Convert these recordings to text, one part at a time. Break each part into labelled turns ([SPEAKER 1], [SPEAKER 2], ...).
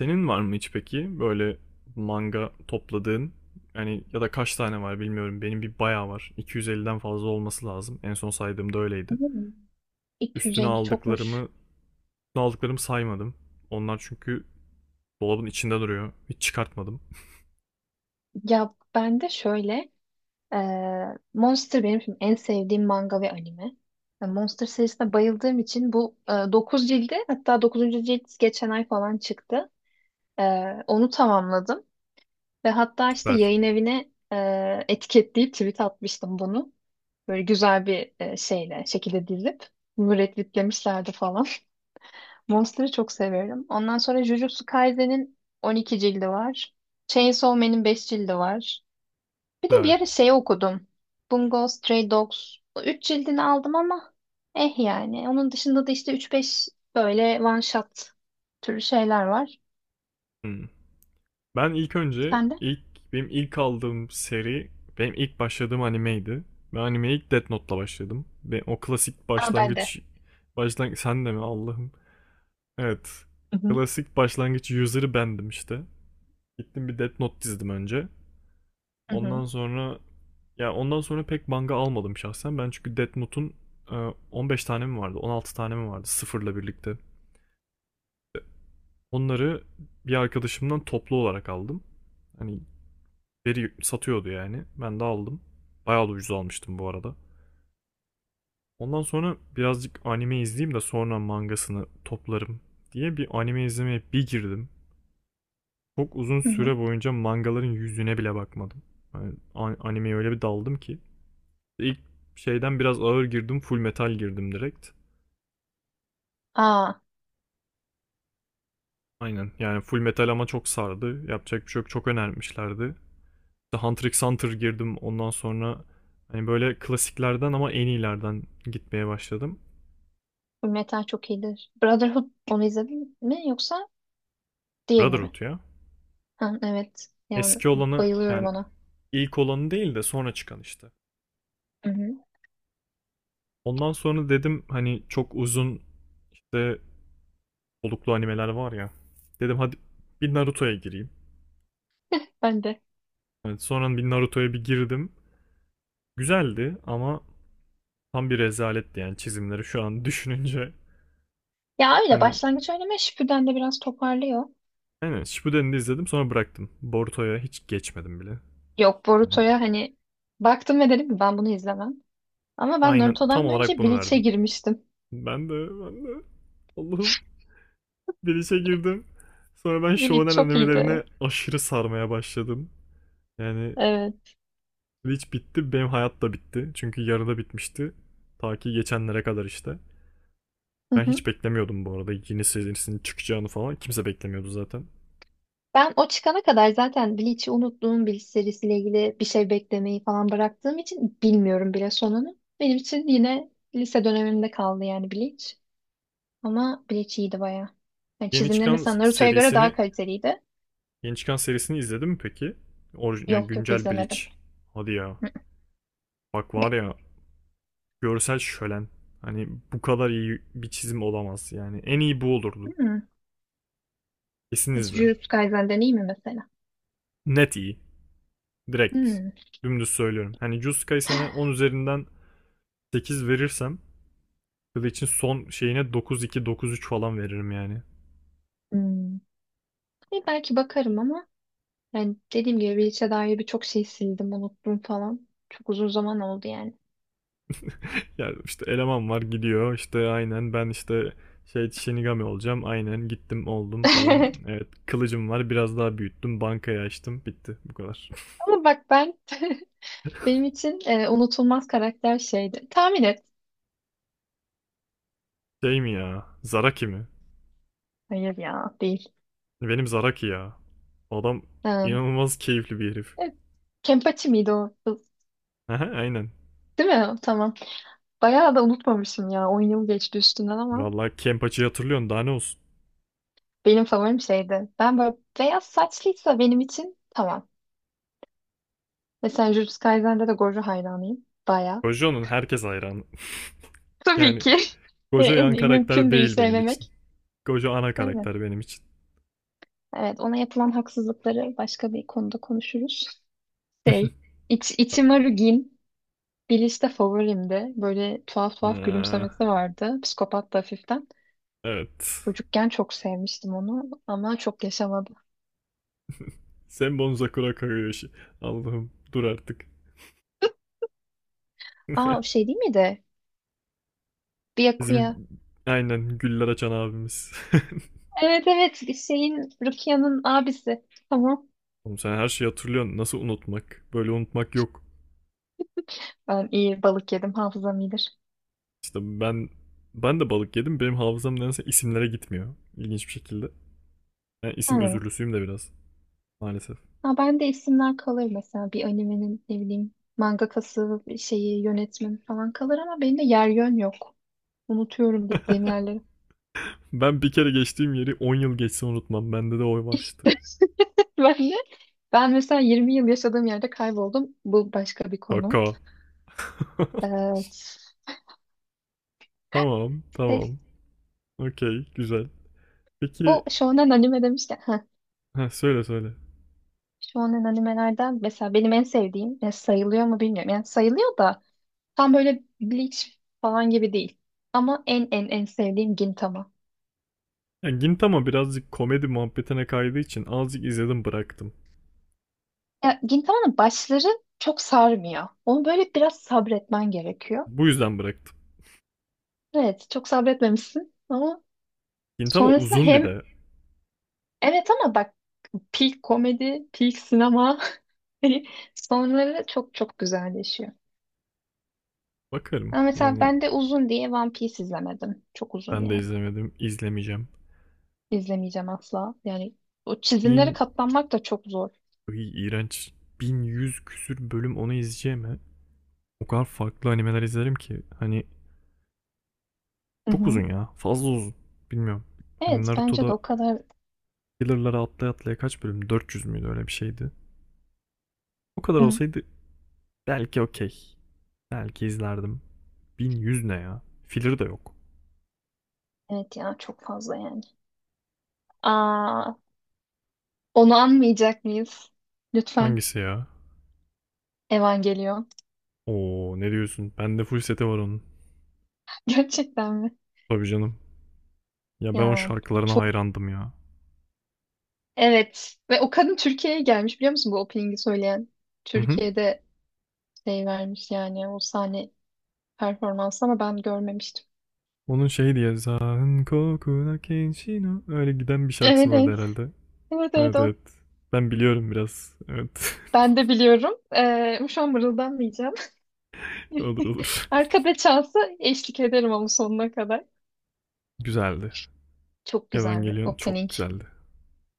[SPEAKER 1] Senin var mı hiç peki böyle manga topladığın? Yani ya da kaç tane var bilmiyorum. Benim bir bayağı var. 250'den fazla olması lazım. En son saydığımda öyleydi.
[SPEAKER 2] Hmm,
[SPEAKER 1] Üstüne
[SPEAKER 2] 250
[SPEAKER 1] aldıklarımı,
[SPEAKER 2] çokmuş.
[SPEAKER 1] üstüne aldıklarımı saymadım. Onlar çünkü dolabın içinde duruyor. Hiç çıkartmadım.
[SPEAKER 2] Ya ben de şöyle e, Monster benim şimdi en sevdiğim manga ve anime. Monster serisine bayıldığım için bu 9 cildi, hatta 9. cilt geçen ay falan çıktı. E, onu tamamladım ve hatta işte
[SPEAKER 1] Süper.
[SPEAKER 2] yayın evine etiketleyip tweet atmıştım bunu. Böyle güzel bir şekilde dizip müretritlemişlerdi falan. Monster'ı çok severim. Ondan sonra Jujutsu Kaisen'in 12 cildi var. Chainsaw Man'in 5 cildi var. Bir de
[SPEAKER 1] Güzel.
[SPEAKER 2] bir ara şey okudum. Bungo Stray Dogs. O 3 cildini aldım ama eh yani. Onun dışında da işte 3-5 böyle one shot türü şeyler var.
[SPEAKER 1] Hmm. Ben ilk önce
[SPEAKER 2] Sen de?
[SPEAKER 1] ilk benim ilk aldığım seri benim ilk başladığım animeydi. Ben animeye ilk Death Note'la başladım. Ve o klasik
[SPEAKER 2] Aa, ben de.
[SPEAKER 1] başlangıç sen de mi Allah'ım? Evet.
[SPEAKER 2] Hı hı.
[SPEAKER 1] Klasik başlangıç user'ı bendim işte. Gittim bir Death Note dizdim önce.
[SPEAKER 2] Hı
[SPEAKER 1] Ondan
[SPEAKER 2] hı.
[SPEAKER 1] sonra ondan sonra pek manga almadım şahsen. Ben çünkü Death Note'un e, 15 tane mi vardı, 16 tane mi vardı sıfırla birlikte. Onları bir arkadaşımdan toplu olarak aldım. Hani biri satıyordu yani. Ben de aldım. Bayağı da ucuz almıştım bu arada. Ondan sonra birazcık anime izleyeyim de sonra mangasını toplarım diye bir anime izlemeye bir girdim. Çok uzun
[SPEAKER 2] Hı hı.
[SPEAKER 1] süre boyunca mangaların yüzüne bile bakmadım. Yani animeye öyle bir daldım ki. İlk şeyden biraz ağır girdim, full metal girdim direkt.
[SPEAKER 2] Aa,
[SPEAKER 1] Aynen yani full metal ama çok sardı. Yapacak bir şey yok, çok önermişlerdi. İşte Hunter x Hunter girdim ondan sonra hani böyle klasiklerden ama en iyilerden gitmeye başladım.
[SPEAKER 2] Fullmetal çok iyidir. Brotherhood onu izledin mi yoksa diğerini mi?
[SPEAKER 1] Brotherhood ya.
[SPEAKER 2] Ha, evet. Yani
[SPEAKER 1] Eski olanı
[SPEAKER 2] bayılıyorum
[SPEAKER 1] yani
[SPEAKER 2] ona.
[SPEAKER 1] ilk olanı değil de sonra çıkan işte.
[SPEAKER 2] Hı hı.
[SPEAKER 1] Ondan sonra dedim hani çok uzun işte soluklu animeler var ya. Dedim hadi bir Naruto'ya gireyim.
[SPEAKER 2] Ben de.
[SPEAKER 1] Evet, sonra bir Naruto'ya bir girdim. Güzeldi ama tam bir rezaletti yani çizimleri şu an düşününce.
[SPEAKER 2] Ya öyle
[SPEAKER 1] Hani
[SPEAKER 2] başlangıç oynamaya Shippuden de biraz toparlıyor.
[SPEAKER 1] aynen Shippuden'i de izledim sonra bıraktım. Boruto'ya hiç geçmedim bile.
[SPEAKER 2] Yok, Boruto'ya hani baktım ve dedim ki ben bunu izlemem. Ama ben
[SPEAKER 1] Aynen tam
[SPEAKER 2] Naruto'dan
[SPEAKER 1] olarak
[SPEAKER 2] önce
[SPEAKER 1] bunu
[SPEAKER 2] Bleach'e
[SPEAKER 1] verdim.
[SPEAKER 2] girmiştim.
[SPEAKER 1] Ben de Allah'ım bir işe girdim. Sonra ben
[SPEAKER 2] Bleach
[SPEAKER 1] shonen
[SPEAKER 2] çok iyiydi.
[SPEAKER 1] animelerine aşırı sarmaya başladım. Yani
[SPEAKER 2] Evet.
[SPEAKER 1] hiç bitti benim hayat da bitti. Çünkü yarıda bitmişti. Ta ki geçenlere kadar işte.
[SPEAKER 2] Hı
[SPEAKER 1] Ben
[SPEAKER 2] hı.
[SPEAKER 1] hiç beklemiyordum bu arada yeni serisinin çıkacağını falan. Kimse beklemiyordu zaten.
[SPEAKER 2] Ben o çıkana kadar zaten Bleach'i unuttuğum, Bleach serisiyle ilgili bir şey beklemeyi falan bıraktığım için bilmiyorum bile sonunu. Benim için yine lise dönemimde kaldı yani Bleach. Ama Bleach iyiydi bayağı. Yani
[SPEAKER 1] Yeni
[SPEAKER 2] çizimleri
[SPEAKER 1] çıkan
[SPEAKER 2] mesela Naruto'ya göre daha
[SPEAKER 1] serisini
[SPEAKER 2] kaliteliydi.
[SPEAKER 1] yeni çıkan serisini izledin mi peki? Orijin, yani
[SPEAKER 2] Yok, yok
[SPEAKER 1] güncel Bleach.
[SPEAKER 2] izlemedim.
[SPEAKER 1] Hadi ya. Bak var ya görsel şölen. Hani bu kadar iyi bir çizim olamaz. Yani en iyi bu olurdu.
[SPEAKER 2] Hmm.
[SPEAKER 1] Kesin izle.
[SPEAKER 2] Jujutsu Kaisen'den iyi mi mesela?
[SPEAKER 1] Net iyi. Direkt.
[SPEAKER 2] Hmm.
[SPEAKER 1] Dümdüz söylüyorum. Hani Jujutsu Kaisen'e 10 üzerinden 8 verirsem Bleach'in son şeyine dokuz iki dokuz üç falan veririm yani.
[SPEAKER 2] Hmm. Belki bakarım ama yani dediğim gibi Bleach'e dair birçok şey sildim, unuttum falan. Çok uzun zaman oldu yani.
[SPEAKER 1] Ya işte eleman var gidiyor işte aynen ben işte şey Shinigami olacağım aynen gittim oldum falan. Evet kılıcım var biraz daha büyüttüm bankayı açtım bitti bu kadar.
[SPEAKER 2] Ama bak benim için unutulmaz karakter şeydi. Tahmin et.
[SPEAKER 1] Şey mi ya Zaraki mi?
[SPEAKER 2] Hayır ya, değil.
[SPEAKER 1] Benim Zaraki ya. Adam
[SPEAKER 2] Ha.
[SPEAKER 1] inanılmaz keyifli bir herif.
[SPEAKER 2] Evet. Kenpachi miydi o? Kız?
[SPEAKER 1] Aha, aynen.
[SPEAKER 2] Değil mi? Tamam. Bayağı da unutmamışım ya. 10 yıl geçti üstünden ama
[SPEAKER 1] Vallahi Kenpachi'yi hatırlıyorsun daha ne olsun.
[SPEAKER 2] benim favorim şeydi. Ben böyle beyaz saçlıysa benim için tamam. Mesela Jujutsu Kaisen'de de Gojo hayranıyım. Baya.
[SPEAKER 1] Gojo'nun herkes hayranı.
[SPEAKER 2] Tabii
[SPEAKER 1] Yani
[SPEAKER 2] ki.
[SPEAKER 1] Gojo
[SPEAKER 2] En
[SPEAKER 1] yan
[SPEAKER 2] iyi,
[SPEAKER 1] karakter
[SPEAKER 2] mümkün değil
[SPEAKER 1] değil benim için.
[SPEAKER 2] sevmemek.
[SPEAKER 1] Gojo ana
[SPEAKER 2] Aynen.
[SPEAKER 1] karakter benim için.
[SPEAKER 2] Evet, ona yapılan haksızlıkları başka bir konuda konuşuruz. Şey, Ichimaru Gin, Bleach'te favorimdi. Böyle tuhaf tuhaf gülümsemesi
[SPEAKER 1] Ah,
[SPEAKER 2] vardı. Psikopat da hafiften.
[SPEAKER 1] evet.
[SPEAKER 2] Çocukken çok sevmiştim onu ama çok yaşamadı.
[SPEAKER 1] Senbon Sakura Kagoyoshi. Allah'ım dur artık.
[SPEAKER 2] Aa, o şey değil miydi? Byakuya.
[SPEAKER 1] Bizim aynen güller açan abimiz.
[SPEAKER 2] Evet, evet, şeyin Rukia'nın abisi. Tamam.
[SPEAKER 1] Oğlum sen her şeyi hatırlıyorsun. Nasıl unutmak? Böyle unutmak yok.
[SPEAKER 2] Ben iyi balık yedim, hafızam iyidir.
[SPEAKER 1] İşte ben de balık yedim. Benim hafızam nedense isimlere gitmiyor. İlginç bir şekilde. Ben isim
[SPEAKER 2] Hı.
[SPEAKER 1] özürlüsüyüm de biraz. Maalesef.
[SPEAKER 2] Ha, ben de isimler kalır mesela bir animenin ne bileyim mangakası, şeyi, yönetmeni falan kalır ama benim de yer yön yok. Unutuyorum gittiğim yerleri.
[SPEAKER 1] Ben bir kere geçtiğim yeri 10 yıl geçse unutmam. Bende de oy var işte.
[SPEAKER 2] Ben de ben mesela 20 yıl yaşadığım yerde kayboldum. Bu başka bir konu.
[SPEAKER 1] Şaka.
[SPEAKER 2] Evet.
[SPEAKER 1] Tamam,
[SPEAKER 2] Şey,
[SPEAKER 1] tamam. Okey, güzel. Peki,
[SPEAKER 2] bu shonen anime demişken. Heh.
[SPEAKER 1] ha, söyle söyle.
[SPEAKER 2] Shonen animelerden mesela benim en sevdiğim, ya sayılıyor mu bilmiyorum. Yani sayılıyor da tam böyle Bleach falan gibi değil. Ama en en en sevdiğim Gintama.
[SPEAKER 1] Ya Gintama birazcık komedi muhabbetine kaydığı için azıcık izledim bıraktım.
[SPEAKER 2] Ya Gintama'nın başları çok sarmıyor. Onu böyle biraz sabretmen gerekiyor.
[SPEAKER 1] Bu yüzden bıraktım.
[SPEAKER 2] Evet, çok sabretmemişsin ama
[SPEAKER 1] Gintama
[SPEAKER 2] sonrasında
[SPEAKER 1] uzun bir
[SPEAKER 2] hem
[SPEAKER 1] de.
[SPEAKER 2] evet ama bak, peak komedi, peak sinema hani sonları çok çok güzelleşiyor.
[SPEAKER 1] Bakarım.
[SPEAKER 2] Ama mesela
[SPEAKER 1] Yani
[SPEAKER 2] ben de uzun diye One Piece izlemedim. Çok uzun
[SPEAKER 1] ben de
[SPEAKER 2] yani.
[SPEAKER 1] izlemedim. İzlemeyeceğim.
[SPEAKER 2] İzlemeyeceğim asla. Yani o çizimlere
[SPEAKER 1] Bin...
[SPEAKER 2] katlanmak da çok zor.
[SPEAKER 1] Iy, iğrenç. 1.100 küsür bölüm onu izleyeceğim ha. O kadar farklı animeler izlerim ki. Hani
[SPEAKER 2] Hı
[SPEAKER 1] çok
[SPEAKER 2] hı.
[SPEAKER 1] uzun ya. Fazla uzun. Bilmiyorum. Hani
[SPEAKER 2] Evet, bence de
[SPEAKER 1] Naruto'da
[SPEAKER 2] o kadar.
[SPEAKER 1] Killer'lara atlaya atlaya kaç bölüm? 400 müydü öyle bir şeydi. O kadar
[SPEAKER 2] Hı.
[SPEAKER 1] olsaydı belki okey. Belki izlerdim. 1.100 ne ya? Filler de yok.
[SPEAKER 2] Evet ya, çok fazla yani. Aa, onu anmayacak mıyız? Lütfen.
[SPEAKER 1] Hangisi ya?
[SPEAKER 2] Evangelion.
[SPEAKER 1] Oo ne diyorsun? Bende full seti var onun.
[SPEAKER 2] Gerçekten mi?
[SPEAKER 1] Tabii canım. Ya ben o
[SPEAKER 2] Ya
[SPEAKER 1] şarkılarına
[SPEAKER 2] çok,
[SPEAKER 1] hayrandım ya.
[SPEAKER 2] evet. Ve o kadın Türkiye'ye gelmiş, biliyor musun, bu opening'i söyleyen?
[SPEAKER 1] Hı hı.
[SPEAKER 2] Türkiye'de şey vermiş yani, o sahne performansı, ama ben görmemiştim.
[SPEAKER 1] Onun şey diye Zan kokuna kenshino öyle giden bir şarkısı
[SPEAKER 2] Evet,
[SPEAKER 1] vardı
[SPEAKER 2] evet.
[SPEAKER 1] herhalde.
[SPEAKER 2] Evet, evet,
[SPEAKER 1] Evet
[SPEAKER 2] o.
[SPEAKER 1] evet. Ben biliyorum biraz. Evet.
[SPEAKER 2] Ben de biliyorum. Şu an mırıldanmayacağım.
[SPEAKER 1] Olur olur.
[SPEAKER 2] Arkada çalsa eşlik ederim, ama sonuna kadar.
[SPEAKER 1] Güzeldi.
[SPEAKER 2] Çok güzel bir
[SPEAKER 1] Evangelion çok
[SPEAKER 2] opening.
[SPEAKER 1] güzeldi.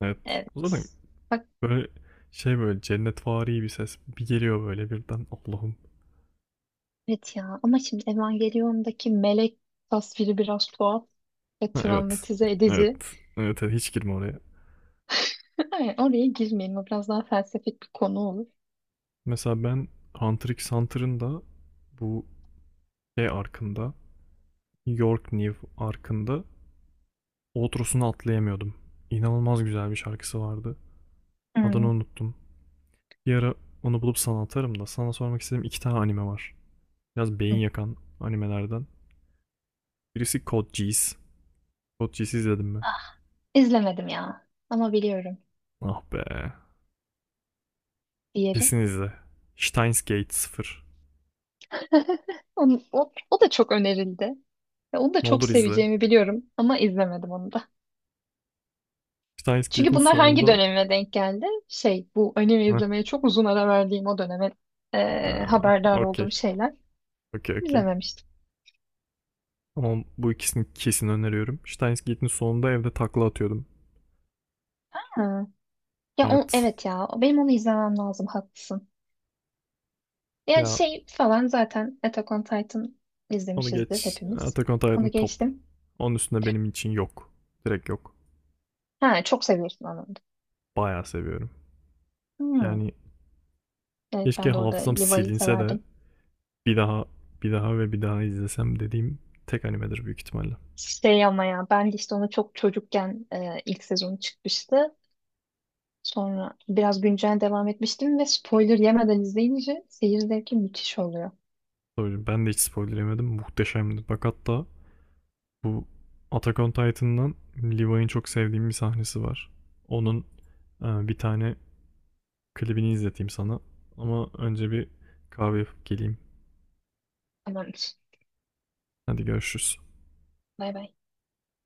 [SPEAKER 1] Evet. O zaten
[SPEAKER 2] Evet. Bak
[SPEAKER 1] böyle şey böyle cennetvari bir ses bir geliyor böyle birden. Allah'ım.
[SPEAKER 2] evet ya, ama şimdi Evangelion'daki melek tasviri biraz tuhaf ve
[SPEAKER 1] Ha, evet.
[SPEAKER 2] travmatize
[SPEAKER 1] Evet.
[SPEAKER 2] edici.
[SPEAKER 1] Evet, evet hiç girme oraya.
[SPEAKER 2] Hayır, oraya girmeyelim. O biraz daha felsefik bir konu olur.
[SPEAKER 1] Mesela ben Hunter x Hunter'ın da bu şey arkında York New arkında outrosunu atlayamıyordum. İnanılmaz güzel bir şarkısı vardı. Adını
[SPEAKER 2] Hmm.
[SPEAKER 1] unuttum. Bir ara onu bulup sana atarım da sana sormak istediğim iki tane anime var. Biraz beyin
[SPEAKER 2] Hı.
[SPEAKER 1] yakan animelerden. Birisi Code Geass. Code Geass'i izledin mi?
[SPEAKER 2] Ah, izlemedim ya. Ama biliyorum
[SPEAKER 1] Ah be.
[SPEAKER 2] diğeri.
[SPEAKER 1] Kesin izle. Steins Gate sıfır.
[SPEAKER 2] O da çok önerildi. Ve onu da
[SPEAKER 1] Ne
[SPEAKER 2] çok
[SPEAKER 1] olur izle.
[SPEAKER 2] seveceğimi biliyorum ama izlemedim onu da.
[SPEAKER 1] Steins
[SPEAKER 2] Çünkü
[SPEAKER 1] Gate'in
[SPEAKER 2] bunlar hangi
[SPEAKER 1] sonunda...
[SPEAKER 2] döneme denk geldi? Şey, bu anime
[SPEAKER 1] Heh,
[SPEAKER 2] izlemeye çok uzun ara verdiğim o döneme
[SPEAKER 1] aa,
[SPEAKER 2] haberdar
[SPEAKER 1] okey.
[SPEAKER 2] olduğum şeyler.
[SPEAKER 1] Okey okey.
[SPEAKER 2] İzlememiştim.
[SPEAKER 1] Ama bu ikisini kesin öneriyorum. Steins Gate'in sonunda evde takla atıyordum.
[SPEAKER 2] Ha. Ya o,
[SPEAKER 1] Evet.
[SPEAKER 2] evet ya, benim onu izlemem lazım, haklısın. Yani
[SPEAKER 1] Ya
[SPEAKER 2] şey falan zaten Attack on Titan
[SPEAKER 1] onu
[SPEAKER 2] izlemişizdir
[SPEAKER 1] geç.
[SPEAKER 2] hepimiz.
[SPEAKER 1] Attack on Titan
[SPEAKER 2] Onu
[SPEAKER 1] top.
[SPEAKER 2] geçtim.
[SPEAKER 1] Onun üstünde benim için yok. Direkt yok.
[SPEAKER 2] Ha, çok seviyorsun, anladım.
[SPEAKER 1] Bayağı seviyorum.
[SPEAKER 2] Hmm.
[SPEAKER 1] Yani
[SPEAKER 2] Evet,
[SPEAKER 1] keşke
[SPEAKER 2] ben de orada
[SPEAKER 1] hafızam
[SPEAKER 2] Levi'yi
[SPEAKER 1] silinse de
[SPEAKER 2] severdim.
[SPEAKER 1] bir daha bir daha ve bir daha izlesem dediğim tek animedir büyük ihtimalle.
[SPEAKER 2] Şey, ama ya ben de işte onu çok çocukken ilk sezonu çıkmıştı. Sonra biraz güncel devam etmiştim ve spoiler yemeden izleyince seyir zevki müthiş oluyor.
[SPEAKER 1] Tabii ben de hiç spoiler yemedim. Muhteşemdi. Bak hatta bu Attack on Titan'dan Levi'nin çok sevdiğim bir sahnesi var. Onun bir tane klibini izleteyim sana. Ama önce bir kahve yapıp geleyim.
[SPEAKER 2] Tamamdır.
[SPEAKER 1] Hadi görüşürüz.
[SPEAKER 2] Bay bay.